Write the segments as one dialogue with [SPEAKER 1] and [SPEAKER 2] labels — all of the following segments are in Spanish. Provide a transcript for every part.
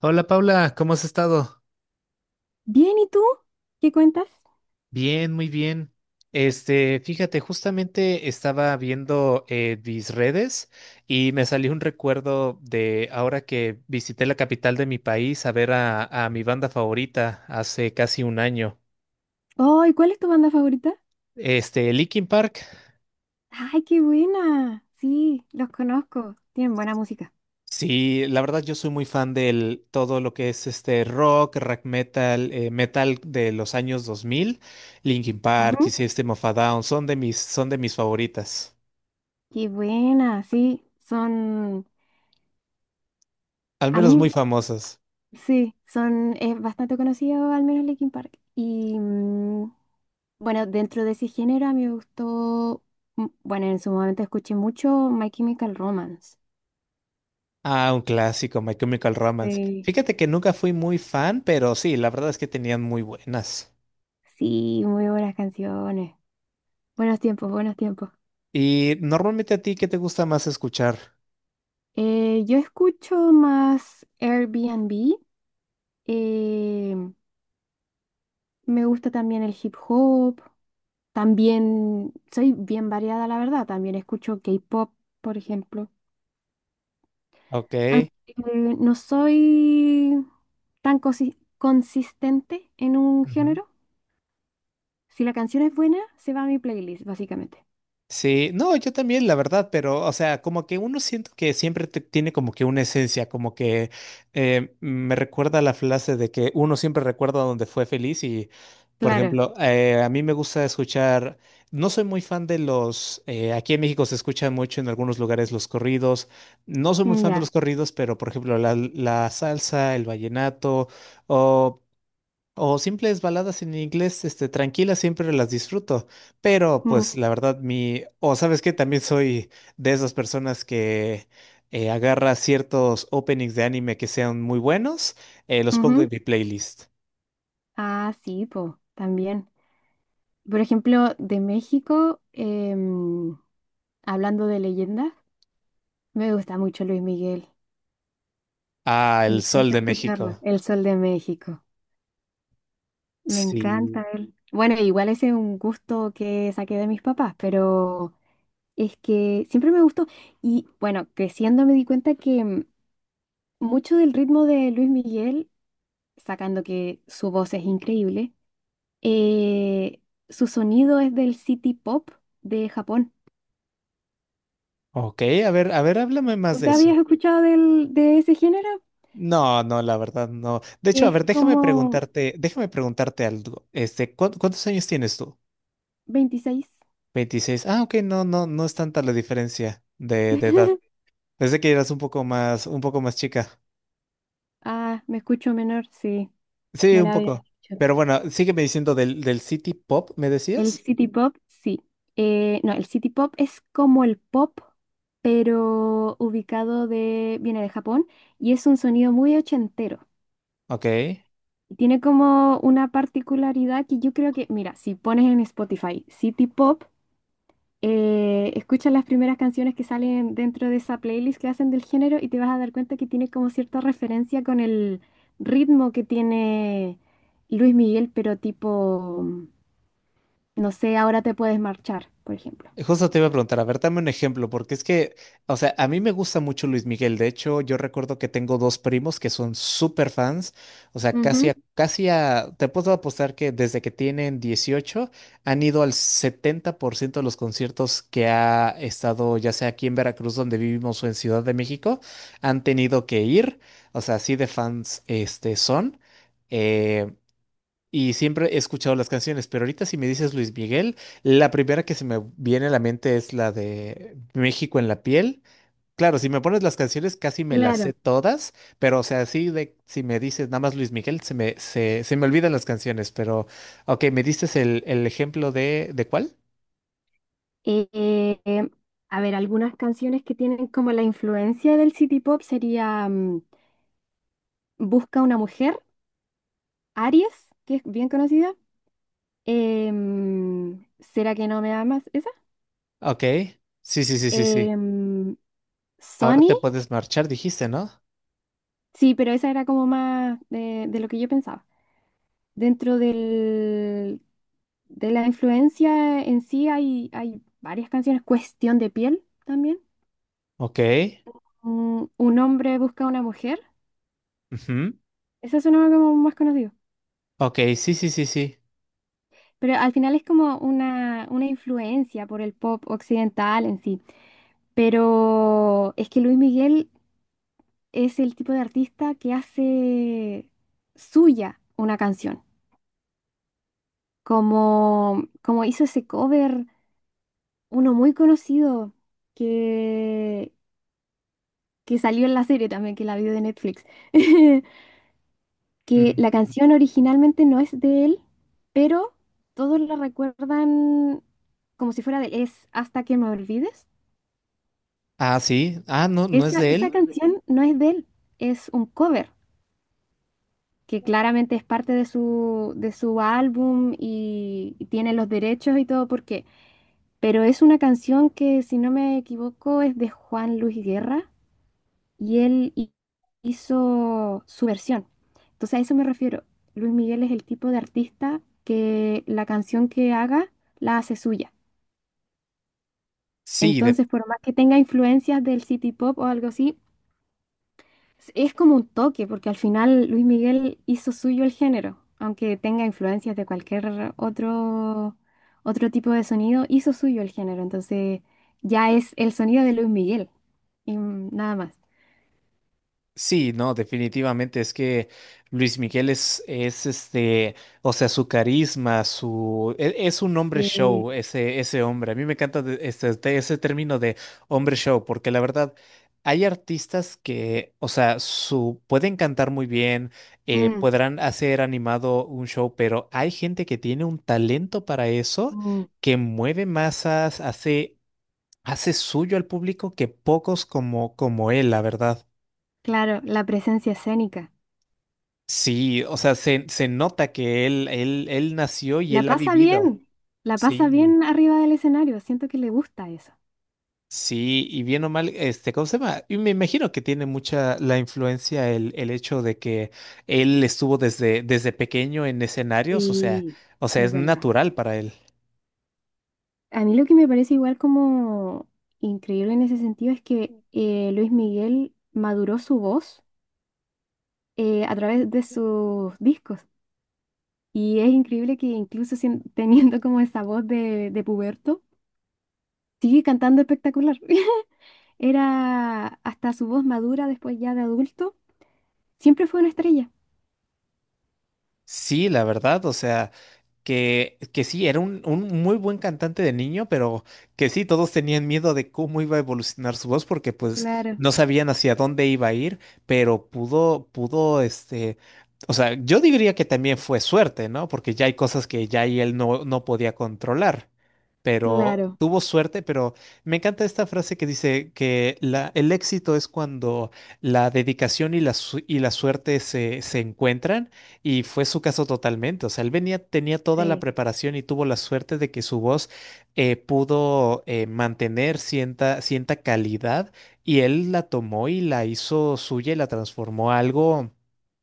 [SPEAKER 1] Hola Paula, ¿cómo has estado?
[SPEAKER 2] Bien, ¿y tú? ¿Qué cuentas?
[SPEAKER 1] Bien, muy bien. Fíjate, justamente estaba viendo mis redes y me salió un recuerdo de ahora que visité la capital de mi país a ver a mi banda favorita hace casi un año.
[SPEAKER 2] Oh, ¿y cuál es tu banda favorita?
[SPEAKER 1] Linkin Park.
[SPEAKER 2] ¡Ay, qué buena! Sí, los conozco. Tienen buena música.
[SPEAKER 1] Sí, la verdad yo soy muy fan del todo lo que es este rock, rock metal, metal de los años 2000. Linkin Park
[SPEAKER 2] Ujú.
[SPEAKER 1] y System of a Down son de mis favoritas.
[SPEAKER 2] Qué buena, sí. Son,
[SPEAKER 1] Al
[SPEAKER 2] a
[SPEAKER 1] menos
[SPEAKER 2] mí,
[SPEAKER 1] muy famosos.
[SPEAKER 2] sí, son, es bastante conocido, al menos Linkin Park. Y mm, bueno, dentro de ese género a mí me gustó, mm, bueno, en su momento escuché mucho My Chemical Romance.
[SPEAKER 1] Ah, un clásico, My Chemical Romance.
[SPEAKER 2] Sí.
[SPEAKER 1] Fíjate que nunca fui muy fan, pero sí, la verdad es que tenían muy buenas.
[SPEAKER 2] Sí, muy buenas canciones. Buenos tiempos, buenos tiempos.
[SPEAKER 1] Y normalmente a ti, ¿qué te gusta más escuchar?
[SPEAKER 2] Yo escucho más Airbnb, eh, me gusta también el hip hop, también soy bien variada, la verdad, también escucho K-pop, por ejemplo.
[SPEAKER 1] Ok.
[SPEAKER 2] Aunque no soy tan consistente en un
[SPEAKER 1] Ujú.
[SPEAKER 2] género, si la canción es buena, se va a mi playlist, básicamente.
[SPEAKER 1] Sí, no, yo también, la verdad, pero, o sea, como que uno siento que siempre tiene como que una esencia, como que me recuerda la frase de que uno siempre recuerda donde fue feliz y, por
[SPEAKER 2] Claro,
[SPEAKER 1] ejemplo, a mí me gusta escuchar, no soy muy fan de los, aquí en México se escuchan mucho en algunos lugares los corridos, no soy muy fan de los
[SPEAKER 2] ya.
[SPEAKER 1] corridos, pero, por ejemplo, la salsa, el vallenato, o simples baladas en inglés, tranquilas, siempre las disfruto. Pero,
[SPEAKER 2] Mm,
[SPEAKER 1] pues, la verdad, mi. O sabes que también soy de esas personas que agarra ciertos openings de anime que sean muy buenos, los pongo en
[SPEAKER 2] ujú.
[SPEAKER 1] mi playlist.
[SPEAKER 2] Ah, sí, po, también. Por ejemplo, de México, hablando de leyendas. Me gusta mucho Luis Miguel.
[SPEAKER 1] Ah,
[SPEAKER 2] Me
[SPEAKER 1] El Sol
[SPEAKER 2] encanta
[SPEAKER 1] de
[SPEAKER 2] escucharlo.
[SPEAKER 1] México.
[SPEAKER 2] El Sol de México. Me
[SPEAKER 1] Sí.
[SPEAKER 2] encanta él. Bueno, igual ese es un gusto que saqué de mis papás, pero es que siempre me gustó. Y bueno, creciendo me di cuenta que mucho del ritmo de Luis Miguel, sacando que su voz es increíble, eh, su sonido es del city pop de Japón.
[SPEAKER 1] Ok, a ver, háblame más de
[SPEAKER 2] ¿Nunca
[SPEAKER 1] eso.
[SPEAKER 2] habías escuchado de ese género?
[SPEAKER 1] No, no, la verdad, no. De
[SPEAKER 2] Que
[SPEAKER 1] hecho, a
[SPEAKER 2] es
[SPEAKER 1] ver, déjame
[SPEAKER 2] como
[SPEAKER 1] preguntarte, déjame preguntarte algo. ¿Cuántos años tienes tú?
[SPEAKER 2] 26.
[SPEAKER 1] 26. Ah, ok, no, no, no es tanta la diferencia de edad. Pensé que eras un poco más chica.
[SPEAKER 2] Ah, me escucho menor, sí,
[SPEAKER 1] Sí,
[SPEAKER 2] me
[SPEAKER 1] un
[SPEAKER 2] la había
[SPEAKER 1] poco.
[SPEAKER 2] dicho.
[SPEAKER 1] Pero bueno, sígueme diciendo del City Pop, ¿me
[SPEAKER 2] El
[SPEAKER 1] decías?
[SPEAKER 2] city pop, sí. No, el city pop es como el pop, pero ubicado de, viene de Japón y es un sonido muy ochentero.
[SPEAKER 1] Ok.
[SPEAKER 2] Y tiene como una particularidad que yo creo que, mira, si pones en Spotify city pop, escucha las primeras canciones que salen dentro de esa playlist que hacen del género y te vas a dar cuenta que tiene como cierta referencia con el ritmo que tiene Luis Miguel, pero tipo, no sé, ahora te puedes marchar, por ejemplo.
[SPEAKER 1] Justo te iba a preguntar, a ver, dame un ejemplo, porque es que, o sea, a mí me gusta mucho Luis Miguel. De hecho, yo recuerdo que tengo dos primos que son súper fans. O sea, casi
[SPEAKER 2] Ujú,
[SPEAKER 1] a, casi a, te puedo apostar que desde que tienen 18 han ido al 70% de los conciertos que ha estado, ya sea aquí en Veracruz, donde vivimos, o en Ciudad de México, han tenido que ir. O sea, así de fans, son. eh, y siempre he escuchado las canciones, pero ahorita si me dices Luis Miguel, la primera que se me viene a la mente es la de México en la piel. Claro, si me pones las canciones casi me las sé
[SPEAKER 2] claro.
[SPEAKER 1] todas, pero o sea, así de si me dices nada más Luis Miguel, se me olvidan las canciones, pero ok, me dices el ejemplo ¿de cuál?
[SPEAKER 2] Eh, eh, eh, a ver, algunas canciones que tienen como la influencia del City Pop sería Busca una mujer, Aries, que es bien conocida. ¿Será que no me amas? ¿Esa?
[SPEAKER 1] Ok, sí, sí, sí, sí, sí.
[SPEAKER 2] Em,
[SPEAKER 1] Ahora
[SPEAKER 2] Sony,
[SPEAKER 1] te puedes marchar, dijiste, ¿no?
[SPEAKER 2] sí, pero esa era como más de lo que yo pensaba. Dentro del, de la influencia en sí hay varias canciones. Cuestión de piel también.
[SPEAKER 1] Ok,
[SPEAKER 2] Un hombre busca a una mujer.
[SPEAKER 1] ujú,
[SPEAKER 2] Esa sonaba como más conocido.
[SPEAKER 1] ok, sí, sí, sí, sí.
[SPEAKER 2] Pero al final es como una influencia por el pop occidental en sí. Pero es que Luis Miguel es el tipo de artista que hace suya una canción. Como, como hizo ese cover. Uno muy conocido que, que salió en la serie también, que la vi de Netflix, que
[SPEAKER 1] Mm.
[SPEAKER 2] la canción originalmente no es de él, pero todos la recuerdan como si fuera de él, es Hasta que me olvides.
[SPEAKER 1] Ah, sí, ah, no, no es de
[SPEAKER 2] Esa
[SPEAKER 1] él.
[SPEAKER 2] canción no es de él, es un cover, que claramente es parte de de su álbum y tiene los derechos y todo porque, pero es una canción que si no me equivoco es de Juan Luis Guerra y hizo su versión. Entonces a eso me refiero. Luis Miguel es el tipo de artista que la canción que haga la hace suya.
[SPEAKER 1] Sí,
[SPEAKER 2] Entonces, por más que tenga influencias del city pop o algo así, es como un toque, porque al final Luis Miguel hizo suyo el género, aunque tenga influencias de cualquier otro, otro tipo de sonido, hizo suyo el género. Entonces, ya es el sonido de Luis Miguel y nada más.
[SPEAKER 1] sí, no, definitivamente es que Luis Miguel es o sea, su carisma, es, un hombre
[SPEAKER 2] Sí.
[SPEAKER 1] show, ese hombre. A mí me encanta de ese término de hombre show, porque la verdad, hay artistas que, o sea, pueden cantar muy bien,
[SPEAKER 2] Mm,
[SPEAKER 1] podrán hacer animado un show, pero hay gente que tiene un talento para eso,
[SPEAKER 2] mm.
[SPEAKER 1] que mueve masas, hace suyo al público que pocos como él, la verdad.
[SPEAKER 2] Claro, la presencia escénica.
[SPEAKER 1] Sí, o sea, se nota que él nació y
[SPEAKER 2] La
[SPEAKER 1] él ha
[SPEAKER 2] pasa
[SPEAKER 1] vivido.
[SPEAKER 2] bien, la pasa
[SPEAKER 1] Sí,
[SPEAKER 2] bien arriba del escenario, siento que le gusta eso.
[SPEAKER 1] sí, y bien o mal, ¿cómo se llama? Y me imagino que tiene mucha la influencia el hecho de que él estuvo desde pequeño en escenarios,
[SPEAKER 2] Sí,
[SPEAKER 1] o sea,
[SPEAKER 2] es
[SPEAKER 1] es
[SPEAKER 2] verdad.
[SPEAKER 1] natural para él.
[SPEAKER 2] A mí lo que me parece igual como increíble en ese sentido es que Luis Miguel maduró su voz a través de sus discos. Y es increíble que incluso teniendo como esa voz de puberto, sigue cantando espectacular. Era hasta su voz madura después ya de adulto, siempre fue una estrella.
[SPEAKER 1] Sí, la verdad, o sea. Que sí, era un muy buen cantante de niño, pero que sí, todos tenían miedo de cómo iba a evolucionar su voz, porque pues
[SPEAKER 2] Claro,
[SPEAKER 1] no sabían hacia dónde iba a ir, pero o sea, yo diría que también fue suerte, ¿no? Porque ya hay cosas que ya y él no, no podía controlar, pero
[SPEAKER 2] claro.
[SPEAKER 1] tuvo suerte, pero me encanta esta frase que dice que el éxito es cuando la dedicación y la suerte se encuentran. Y fue su caso totalmente. O sea, él venía, tenía toda la
[SPEAKER 2] Sí,
[SPEAKER 1] preparación y tuvo la suerte de que su voz pudo mantener cierta calidad y él la tomó y la hizo suya y la transformó a algo,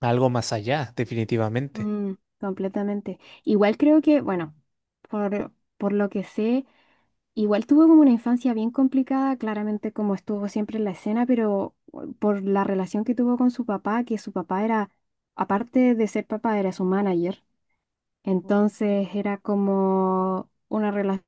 [SPEAKER 1] a algo más allá, definitivamente.
[SPEAKER 2] mm, completamente. Igual creo que, bueno, por lo que sé, igual tuvo como una infancia bien complicada, claramente como estuvo siempre en la escena, pero por la relación que tuvo con su papá, que su papá era, aparte de ser papá, era su manager. Entonces era como una relación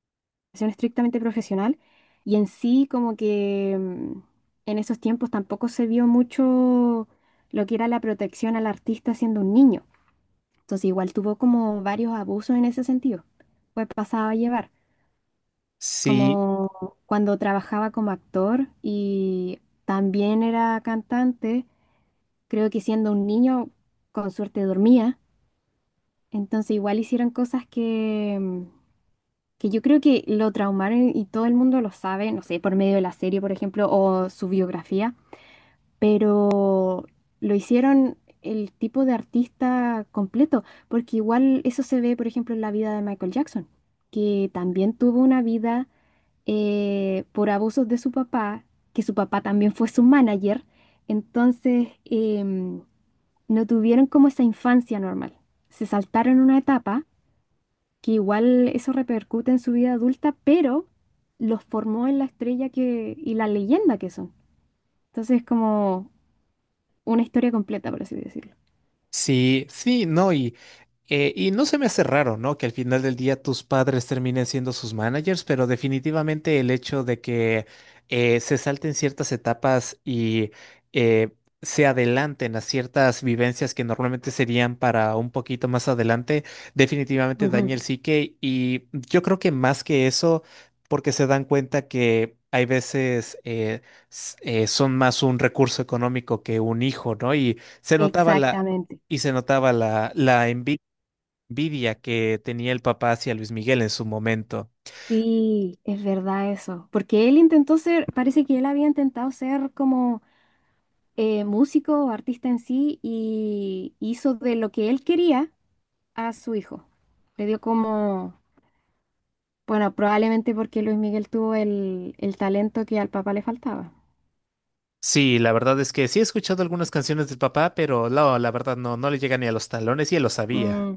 [SPEAKER 2] estrictamente profesional y en sí como que en esos tiempos tampoco se vio mucho lo que era la protección al artista siendo un niño. Entonces igual tuvo como varios abusos en ese sentido. Pues pasaba a llevar,
[SPEAKER 1] Sí,
[SPEAKER 2] como cuando trabajaba como actor y también era cantante, creo que siendo un niño con suerte dormía. Entonces igual hicieron cosas que, que yo creo que lo traumaron y todo el mundo lo sabe, no sé, por medio de la serie, por ejemplo, o su biografía, pero lo hicieron el tipo de artista completo, porque igual eso se ve, por ejemplo, en la vida de Michael Jackson, que también tuvo una vida por abusos de su papá, que su papá también fue su manager, entonces no tuvieron como esa infancia normal, se saltaron una etapa que igual eso repercute en su vida adulta, pero los formó en la estrella que, y la leyenda que son. Entonces, como una historia completa, por así decirlo.
[SPEAKER 1] sí, sí, no, y no se me hace raro, ¿no? Que al final del día tus padres terminen siendo sus managers, pero definitivamente el hecho de que se salten ciertas etapas y eh, se adelanten a ciertas vivencias que normalmente serían para un poquito más adelante, definitivamente
[SPEAKER 2] Ujú,
[SPEAKER 1] daña el psique. Y yo creo que más que eso, porque se dan cuenta que hay veces son más un recurso económico que un hijo, ¿no? Y se notaba la,
[SPEAKER 2] exactamente.
[SPEAKER 1] y se notaba la envidia que tenía el papá hacia Luis Miguel en su momento.
[SPEAKER 2] Sí, es verdad eso. Porque él intentó ser, parece que él había intentado ser como músico o artista en sí y hizo de lo que él quería a su hijo. Le dio como, bueno, probablemente porque Luis Miguel tuvo el talento que al papá le faltaba.
[SPEAKER 1] Sí, la verdad es que sí he escuchado algunas canciones del papá, pero no, la verdad no, no le llega ni a los talones y él lo sabía.
[SPEAKER 2] Mm,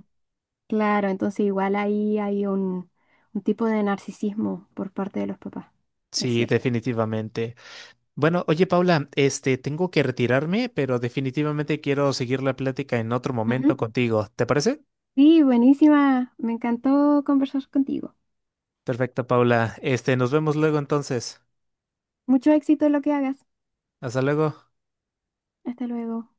[SPEAKER 2] claro, entonces igual ahí hay un tipo de narcisismo por parte de los papás, es
[SPEAKER 1] Sí,
[SPEAKER 2] cierto.
[SPEAKER 1] definitivamente. Bueno, oye Paula, tengo que retirarme, pero definitivamente quiero seguir la plática en otro
[SPEAKER 2] Ujú.
[SPEAKER 1] momento contigo. ¿Te parece?
[SPEAKER 2] Sí, buenísima. Me encantó conversar contigo.
[SPEAKER 1] Perfecto, Paula. Nos vemos luego entonces.
[SPEAKER 2] Mucho éxito en lo que hagas.
[SPEAKER 1] Hasta luego.
[SPEAKER 2] Hasta luego.